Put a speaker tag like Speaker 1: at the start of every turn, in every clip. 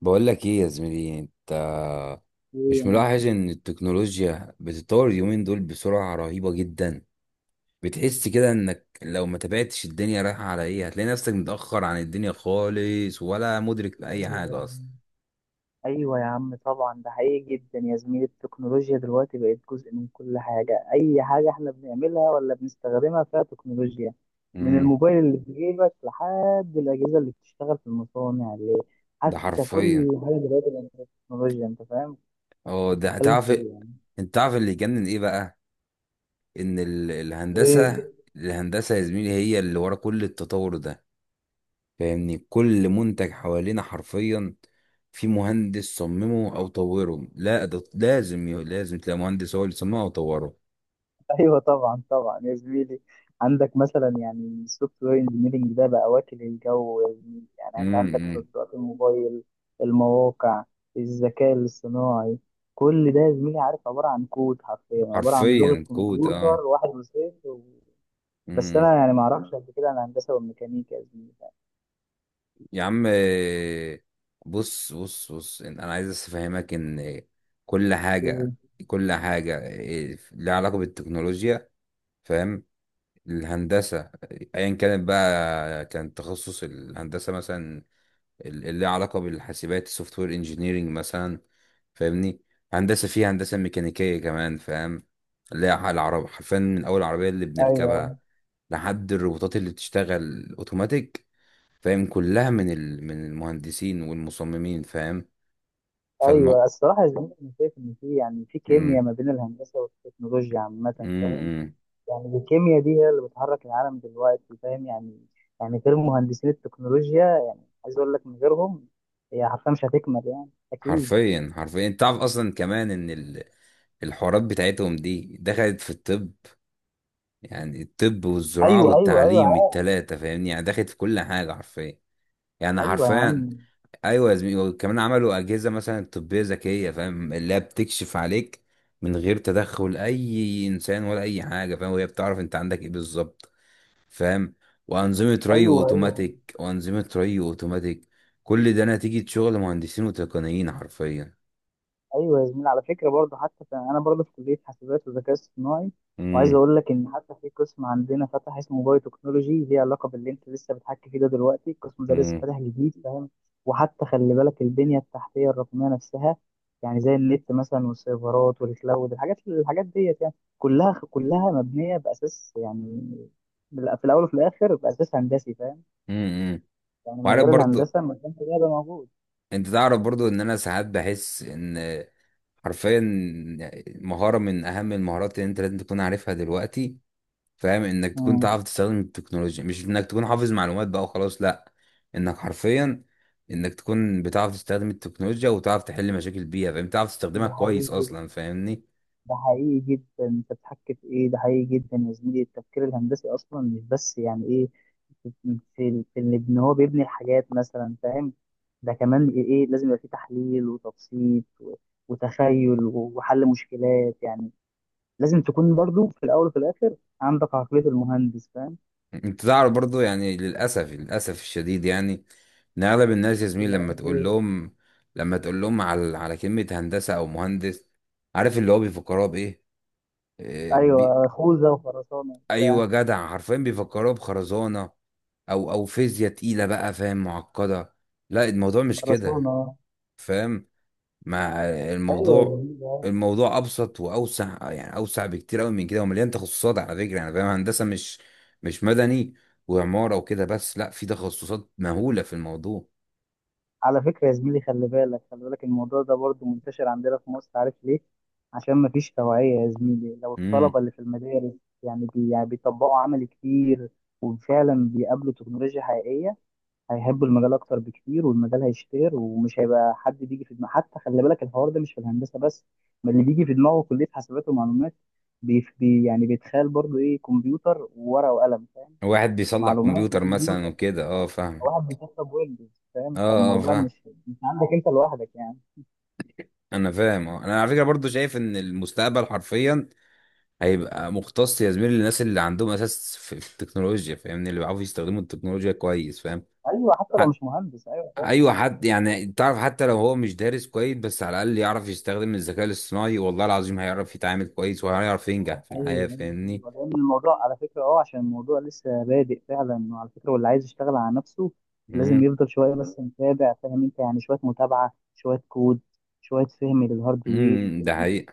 Speaker 1: بقول لك ايه يا زميلي؟ انت
Speaker 2: ايه
Speaker 1: مش
Speaker 2: يا معلم؟
Speaker 1: ملاحظ ان التكنولوجيا بتتطور اليومين دول بسرعة رهيبة جدا؟ بتحس كده انك لو ما تابعتش الدنيا رايحة على ايه، هتلاقي نفسك متأخر عن الدنيا خالص ولا مدرك لأي
Speaker 2: ايوه يا
Speaker 1: حاجة اصلا.
Speaker 2: عم. ايوه يا عم، طبعا ده حقيقي جدا يا زميلي، التكنولوجيا دلوقتي بقت جزء من كل حاجه، اي حاجه احنا بنعملها ولا بنستخدمها فيها تكنولوجيا. من
Speaker 1: امم
Speaker 2: الموبايل اللي في جيبك لحد الاجهزه اللي بتشتغل في المصانع
Speaker 1: ده
Speaker 2: حتى كل
Speaker 1: حرفيا.
Speaker 2: حاجه دلوقتي بقت فيها تكنولوجيا، انت فاهم.
Speaker 1: اه،
Speaker 2: انت
Speaker 1: ده
Speaker 2: بتتكلم
Speaker 1: تعرف.
Speaker 2: في ايه يعني؟
Speaker 1: انت تعرف اللي يجنن ايه بقى؟ ان الهندسة،
Speaker 2: ايه.
Speaker 1: الهندسة يا زميلي هي اللي ورا كل التطور ده. فاهمني؟ كل منتج حوالينا حرفيا في مهندس صممه او طوره. لا، ده لازم لازم تلاقي مهندس هو اللي صممه او طوره.
Speaker 2: ايوه، طبعا طبعا يا زميلي، عندك مثلا يعني السوفت وير انجينيرنج ده بقى واكل الجو يا زميلي، يعني انت عندك
Speaker 1: إمم.
Speaker 2: تطبيقات الموبايل، المواقع، الذكاء الاصطناعي، كل ده يا زميلي، عارف، عباره عن كود، حرفيا عباره عن لغه
Speaker 1: حرفيا كود، اه.
Speaker 2: كمبيوتر، واحد وصفر بس
Speaker 1: امم.
Speaker 2: انا يعني ما اعرفش قد كده عن الهندسه والميكانيكا يا زميلي.
Speaker 1: يا عم، آه، بص بص بص. انا عايز بس افهمك ان كل حاجه،
Speaker 2: إيه،
Speaker 1: لها علاقه بالتكنولوجيا. فاهم؟ الهندسه، ايا كانت بقى كان تخصص الهندسه مثلا اللي ليها علاقة بالحاسبات، سوفت وير انجينيرنج مثلا. فاهمني؟ هندسة فيها هندسة ميكانيكية كمان. فاهم؟ اللي هي العرب حرفيا، من أول العربية اللي بنركبها
Speaker 2: ايوه
Speaker 1: لحد الروبوتات اللي بتشتغل أوتوماتيك. فاهم؟ كلها من ال... من المهندسين والمصممين. فاهم؟
Speaker 2: ايوه
Speaker 1: فالمو...
Speaker 2: الصراحه يا زميلي، انا شايف ان يعني في كيمياء
Speaker 1: مم.
Speaker 2: ما بين الهندسه والتكنولوجيا
Speaker 1: مم.
Speaker 2: عامه، فاهم،
Speaker 1: مم.
Speaker 2: يعني الكيمياء دي هي اللي بتحرك العالم دلوقتي، فاهم يعني، يعني غير مهندسين التكنولوجيا، يعني عايز اقول لك من غيرهم، هي حرفيا مش هتكمل يعني اكيد.
Speaker 1: حرفيا حرفيا، انت تعرف اصلا كمان ان ال... الحوارات بتاعتهم دي دخلت في الطب. يعني الطب والزراعة
Speaker 2: ايوه، ايوه، ايوه،
Speaker 1: والتعليم،
Speaker 2: عارف.
Speaker 1: التلاتة، فاهمني؟ يعني دخلت في كل حاجة حرفيا. يعني
Speaker 2: ايوه يا عم.
Speaker 1: حرفيا. ايوه يا زميلي، وكمان عملوا اجهزه مثلا طبيه ذكيه، فاهم؟ اللي هي بتكشف عليك من غير تدخل اي انسان ولا اي حاجه، فاهم؟ وهي بتعرف انت عندك ايه بالظبط. فاهم؟ وانظمه ري
Speaker 2: ايوه، ايوه،
Speaker 1: اوتوماتيك وانظمه ري اوتوماتيك كل ده نتيجه شغل مهندسين وتقنيين، حرفيا.
Speaker 2: ايوه، يا زميلي، على فكره برضه حتى انا برضه في كليه حاسبات وذكاء اصطناعي، وعايز
Speaker 1: امم.
Speaker 2: اقول لك ان حتى في قسم عندنا فتح اسمه بايو تكنولوجي، ليه علاقه باللي انت لسه بتحكي فيه ده، دلوقتي القسم ده لسه
Speaker 1: امم.
Speaker 2: فاتح جديد، فاهم. وحتى خلي بالك البنيه التحتيه الرقميه نفسها، يعني زي النت مثلا والسيرفرات والكلاود، الحاجات ديت يعني، كلها كلها مبنيه باساس يعني، في الاول وفي الاخر باساس هندسي، فاهم.
Speaker 1: امم.
Speaker 2: يعني من
Speaker 1: وعارف
Speaker 2: غير
Speaker 1: برضو،
Speaker 2: الهندسه ما كانش ده يبقى موجود.
Speaker 1: انت تعرف برضو ان انا ساعات بحس ان حرفيا مهاره من اهم المهارات اللي انت لازم تكون عارفها دلوقتي، فاهم؟ انك تكون
Speaker 2: مم.
Speaker 1: تعرف تستخدم التكنولوجيا، مش انك تكون حافظ معلومات بقى وخلاص، لا. انك حرفيا، انك تكون بتعرف تستخدم التكنولوجيا وتعرف تحل مشاكل البيئة، فاهم؟ تعرف تستخدمها
Speaker 2: ده
Speaker 1: كويس
Speaker 2: حقيقي،
Speaker 1: اصلا، فاهمني؟
Speaker 2: ده حقيقي جدا، انت بتحكي في ايه؟ ده حقيقي جدا يا زميلي، التفكير الهندسي اصلا مش بس يعني ايه، في في في ان إن هو بيبني الحاجات مثلا، فاهم، ده كمان ايه، لازم يبقى فيه تحليل وتبسيط وتخيل وحل مشكلات يعني، لازم تكون برضو في الاول وفي الاخر عندك عقلية المهندس، فاهم.
Speaker 1: انت تعرف برضو، يعني للاسف، للاسف الشديد، يعني ان اغلب الناس يا زميلي لما
Speaker 2: للأسف
Speaker 1: تقول
Speaker 2: إيه.
Speaker 1: لهم، على كلمة هندسة او مهندس، عارف اللي هو بيفكروها بايه؟ إيه، بي...
Speaker 2: ايوه، خوذة وخرسانة وبتاع.
Speaker 1: ايوه جدع، حرفيا بيفكروها بخرزانة او فيزياء تقيله بقى، فاهم؟ معقده. لا، الموضوع مش كده،
Speaker 2: خرسانة.
Speaker 1: فاهم؟ مع
Speaker 2: أيوه يا
Speaker 1: الموضوع،
Speaker 2: زميلي،
Speaker 1: الموضوع ابسط واوسع، يعني اوسع بكتير قوي من كده ومليان تخصصات على فكره، يعني فاهم. هندسه مش مدني وعماره وكده بس، لا، في تخصصات مهوله في الموضوع.
Speaker 2: على فكرة يا زميلي، خلي بالك خلي بالك الموضوع ده برضو منتشر عندنا في مصر، عارف ليه؟ عشان مفيش توعية يا زميلي، لو
Speaker 1: امم.
Speaker 2: الطلبة اللي في المدارس يعني, بي يعني بيطبقوا عمل كتير وفعلا بيقابلوا تكنولوجيا حقيقية، هيحبوا المجال أكتر بكتير والمجال هيشتهر ومش هيبقى حد بيجي في دماغه، حتى خلي بالك الحوار ده مش في الهندسة بس، ما اللي بيجي في دماغه كلية حاسبات ومعلومات، يعني بيتخيل برضو إيه، كمبيوتر وورقة وقلم، فاهم؟
Speaker 1: واحد بيصلح
Speaker 2: معلومات
Speaker 1: كمبيوتر مثلا
Speaker 2: وكمبيوتر.
Speaker 1: وكده، اه، فاهم.
Speaker 2: واحد بيشرب ويلدز
Speaker 1: اه،
Speaker 2: فاهم،
Speaker 1: اه،
Speaker 2: فالموضوع
Speaker 1: فاهم.
Speaker 2: مش عندك انت لوحدك يعني.
Speaker 1: انا فاهم، انا على فكره برضو شايف ان المستقبل حرفيا هيبقى مختص يا زميلي للناس اللي عندهم اساس في التكنولوجيا، فاهمني؟ اللي بيعرفوا يستخدموا التكنولوجيا كويس، فاهم؟
Speaker 2: ايوه حتى لو
Speaker 1: حت...
Speaker 2: مش مهندس، ايوه.
Speaker 1: ايوه، حد يعني تعرف، حتى لو هو مش دارس كويس بس على الاقل يعرف يستخدم الذكاء الاصطناعي، والله العظيم هيعرف يتعامل كويس وهيعرف ينجح في الحياه،
Speaker 2: ايوه، ايوه،
Speaker 1: فاهمني؟
Speaker 2: ايوه، لان الموضوع على فكره، عشان الموضوع لسه بادئ فعلا، وعلى فكره واللي عايز يشتغل على نفسه لازم
Speaker 1: امم.
Speaker 2: يفضل شويه بس متابع، فاهم انت، يعني شويه متابعه، شويه كود، شويه فهم للهاردوير
Speaker 1: امم. ده
Speaker 2: الامبيدد،
Speaker 1: حقيقة.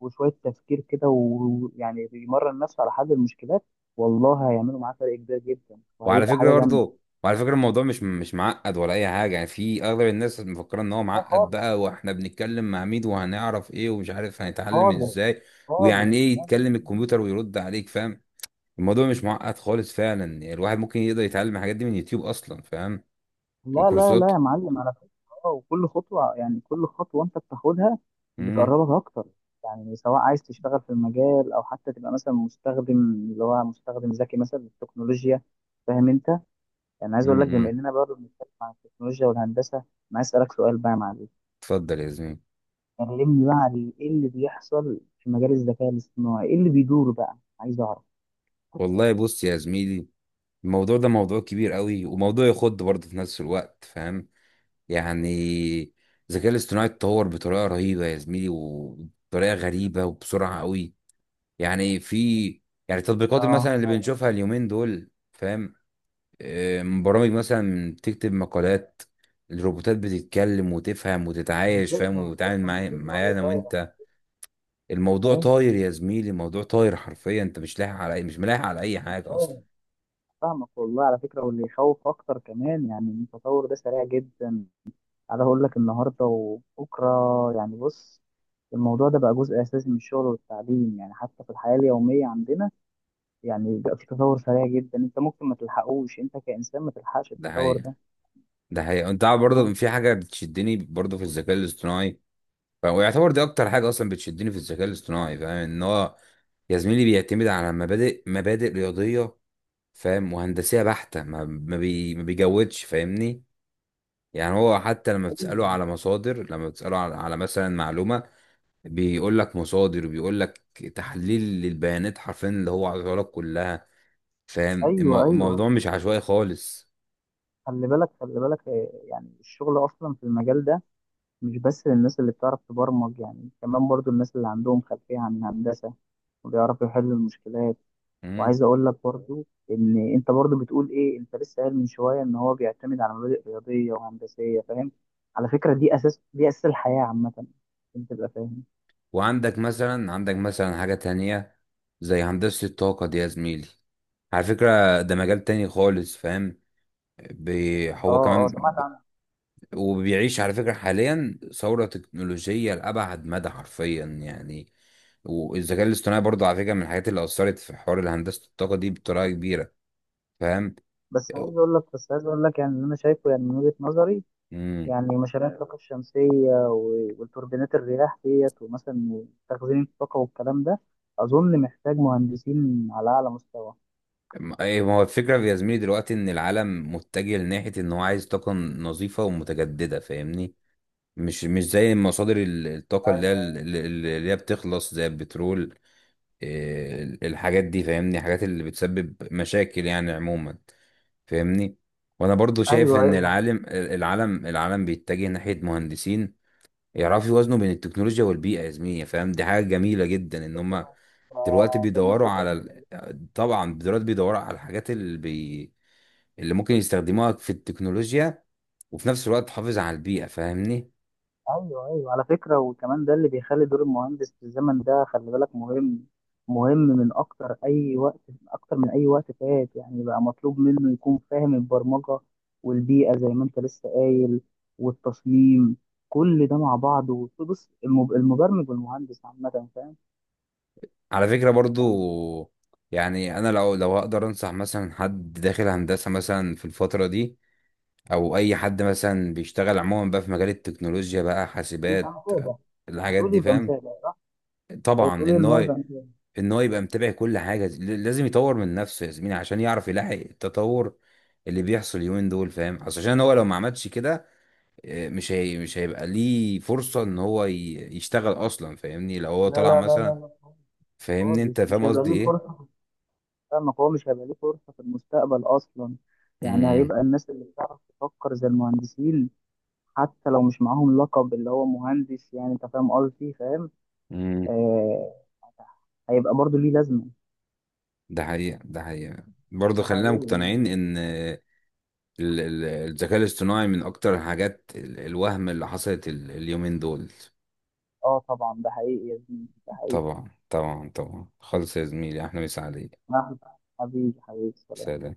Speaker 2: وشويه تفكير كده ويعني بيمرن نفسه على حل المشكلات، والله هيعملوا معاه فرق كبير جدا
Speaker 1: وعلى
Speaker 2: وهيبقى
Speaker 1: فكره
Speaker 2: حاجه جامده.
Speaker 1: برضه، وعلى فكره الموضوع مش معقد ولا اي حاجه، يعني في اغلب الناس مفكره ان هو
Speaker 2: لا
Speaker 1: معقد
Speaker 2: خالص.
Speaker 1: بقى، واحنا بنتكلم مع مين؟ وهنعرف ايه؟ ومش عارف هنتعلم
Speaker 2: خالص.
Speaker 1: ازاي؟
Speaker 2: خالص،
Speaker 1: ويعني ايه
Speaker 2: لا،
Speaker 1: يتكلم
Speaker 2: لا.
Speaker 1: الكمبيوتر ويرد عليك، فاهم؟ الموضوع مش معقد خالص فعلا، يعني الواحد ممكن يقدر يتعلم الحاجات دي من يوتيوب اصلا، فاهم؟
Speaker 2: لا، لا،
Speaker 1: وكورسات.
Speaker 2: لا، يا معلم على فكرة. اه، وكل خطوة، يعني كل خطوة أنت بتاخدها
Speaker 1: امم.
Speaker 2: بتقربك أكتر، يعني سواء عايز تشتغل في المجال أو حتى تبقى مثلا مستخدم، اللي هو مستخدم ذكي مثلا للتكنولوجيا، فاهم أنت؟ يعني عايز
Speaker 1: امم.
Speaker 2: أقول لك بما
Speaker 1: امم.
Speaker 2: إننا برضه بنتكلم عن التكنولوجيا والهندسة، أنا عايز أسألك سؤال بقى يا معلم،
Speaker 1: اتفضل يا زميلي.
Speaker 2: كلمني بقى عن إيه اللي بيحصل في مجال الذكاء الاصطناعي، إيه اللي بيدور بقى، عايز أعرف.
Speaker 1: والله بص يا زميلي، الموضوع ده موضوع كبير قوي وموضوع يخض برضه في نفس الوقت، فاهم؟ يعني الذكاء الاصطناعي اتطور بطريقه رهيبه يا زميلي وبطريقه غريبه وبسرعه قوي. يعني في يعني التطبيقات
Speaker 2: اه.
Speaker 1: مثلا اللي بنشوفها اليومين دول، فاهم؟ برامج مثلا تكتب مقالات، الروبوتات بتتكلم وتفهم وتتعايش، فاهم؟
Speaker 2: بتفهم
Speaker 1: وتتعامل
Speaker 2: بتفهم
Speaker 1: معايا،
Speaker 2: الدنيا وهي
Speaker 1: انا
Speaker 2: طايرة.
Speaker 1: وانت. الموضوع طاير يا زميلي، الموضوع طاير حرفيا. انت مش ملاحق على اي حاجه اصلا.
Speaker 2: أيوة، فاهمك والله، على فكرة واللي يخوف أكتر كمان يعني إن التطور ده سريع جدا، أنا أقول لك النهاردة وبكرة، يعني بص، الموضوع ده بقى جزء أساسي من الشغل والتعليم، يعني حتى في الحياة اليومية عندنا، يعني بقى في تطور سريع جدا، أنت ممكن ما تلحقوش، أنت كإنسان ما تلحقش
Speaker 1: ده
Speaker 2: التطور
Speaker 1: حقيقة،
Speaker 2: ده.
Speaker 1: ده حقيقة. انت عارف
Speaker 2: آه.
Speaker 1: برضه في حاجه بتشدني برضه في الذكاء الاصطناعي. ويعتبر دي اكتر حاجه اصلا بتشدني في الذكاء الاصطناعي، فاهم؟ ان هو يا زميلي بيعتمد على مبادئ رياضيه، فاهم؟ وهندسيه بحته، ما بيجودش، فاهمني؟ يعني هو حتى لما
Speaker 2: أيوه،
Speaker 1: بتسأله على مصادر، لما بتسأله على مثلا معلومة، بيقول لك مصادر، بيقول لك تحليل للبيانات حرفيا اللي هو عايزها لك كلها، فاهم؟
Speaker 2: أيوه، أيوه،
Speaker 1: الموضوع مش عشوائي خالص.
Speaker 2: خلي بالك خلي بالك، يعني الشغل أصلا في المجال ده مش بس للناس اللي بتعرف تبرمج، يعني كمان برضو الناس اللي عندهم خلفية عن الهندسة وبيعرفوا يحلوا المشكلات،
Speaker 1: مم.
Speaker 2: وعايز اقول لك برضو ان انت برضو بتقول ايه، انت لسه قايل من شويه ان هو بيعتمد على مبادئ رياضيه وهندسيه، فاهم، على فكره دي اساس الحياه عامه، انت تبقى فاهم.
Speaker 1: وعندك مثلا، عندك مثلا حاجة تانية زي هندسة الطاقة دي يا زميلي. على فكرة، ده مجال تاني خالص، فاهم؟ هو
Speaker 2: اه، اه،
Speaker 1: كمان
Speaker 2: سمعت عنها.
Speaker 1: وبيعيش على فكرة حاليا ثورة تكنولوجية لأبعد مدى حرفيا يعني. والذكاء الاصطناعي برضه على فكرة من الحاجات اللي أثرت في حوار هندسة الطاقة دي بطريقة كبيرة. فاهم؟
Speaker 2: بس عايز اقول لك يعني اللي انا شايفه يعني من وجهه نظري،
Speaker 1: امم.
Speaker 2: يعني مشاريع الطاقه الشمسيه والتوربينات الرياح ديت ومثلا تخزين الطاقه والكلام ده، اظن محتاج مهندسين على اعلى مستوى.
Speaker 1: ايه، ما هو الفكرة يا زميلي دلوقتي إن العالم متجه لناحية إن هو عايز طاقة نظيفة ومتجددة، فاهمني؟ مش زي مصادر الطاقة اللي هي
Speaker 2: ايوه،
Speaker 1: اللي هي بتخلص، زي البترول، الحاجات دي، فاهمني؟ الحاجات اللي بتسبب مشاكل يعني عموما، فاهمني؟ وانا برضو شايف
Speaker 2: ايوه،
Speaker 1: ان
Speaker 2: ايوه،
Speaker 1: العالم، بيتجه ناحيه مهندسين يعرفوا يوازنوا بين التكنولوجيا والبيئه يا زميلي، فاهم؟ دي حاجه جميله جدا ان هم دلوقتي بيدوروا
Speaker 2: فبالمصلحه.
Speaker 1: على ال... طبعا دلوقتي بيدوروا على الحاجات اللي بي... اللي ممكن يستخدموها في التكنولوجيا وفي نفس الوقت تحافظ على البيئه، فاهمني؟
Speaker 2: ايوه، ايوه، على فكره وكمان ده اللي بيخلي دور المهندس في الزمن ده خلي بالك مهم، مهم من اكتر اي وقت، اكتر من اي وقت فات، يعني بقى مطلوب منه يكون فاهم البرمجه والبيئه زي ما انت لسه قايل، والتصميم، كل ده مع بعضه، بص المبرمج والمهندس عامه، فاهم
Speaker 1: على فكره
Speaker 2: يعني.
Speaker 1: برضو، يعني انا لو هقدر انصح مثلا حد داخل هندسه مثلا في الفتره دي او اي حد مثلا بيشتغل عموما بقى في مجال التكنولوجيا بقى،
Speaker 2: يبقى
Speaker 1: حاسبات،
Speaker 2: مثابه.
Speaker 1: الحاجات
Speaker 2: هتقول
Speaker 1: دي،
Speaker 2: يبقى
Speaker 1: فاهم؟
Speaker 2: مثابه.
Speaker 1: طبعا
Speaker 2: هتقول ايه،
Speaker 1: ان
Speaker 2: ان هو
Speaker 1: هو،
Speaker 2: يبقى مثابه.
Speaker 1: يبقى متابع كل حاجه، لازم يطور من نفسه يا زميلي عشان يعرف يلاحق التطور اللي بيحصل اليومين دول، فاهم؟ أصل عشان هو لو ما عملش كده، مش هيبقى ليه فرصه ان هو يشتغل اصلا، فاهمني؟ لو هو
Speaker 2: لا،
Speaker 1: طلع
Speaker 2: لا، لا،
Speaker 1: مثلا،
Speaker 2: لا، لا،
Speaker 1: فاهمني؟ انت
Speaker 2: خالص مش
Speaker 1: فاهم
Speaker 2: هيبقى
Speaker 1: قصدي
Speaker 2: ليه
Speaker 1: ايه.
Speaker 2: فرصه. فاهمك، هو مش هيبقى ليه فرصة في المستقبل أصلا، يعني
Speaker 1: امم.
Speaker 2: هيبقى الناس اللي بتعرف تفكر زي المهندسين، حتى لو مش معاهم لقب اللي هو مهندس، يعني أنت فاهم قصدي، فاهم.
Speaker 1: إمم.
Speaker 2: آه. هيبقى برضه ليه لازمة.
Speaker 1: ده حقيقه، ده حقيقه. برضه
Speaker 2: ده
Speaker 1: خلينا
Speaker 2: حقيقي يعني.
Speaker 1: مقتنعين ان الذكاء الاصطناعي من اكتر الحاجات الوهم اللي حصلت اليومين دول.
Speaker 2: أه طبعا، ده حقيقي يا زميلي، ده حقيقي.
Speaker 1: طبعا طبعا طبعا خالص يا زميلي، احلى مسا عليك.
Speaker 2: أهلا. حبيبي حبيبي، سلام.
Speaker 1: سلام.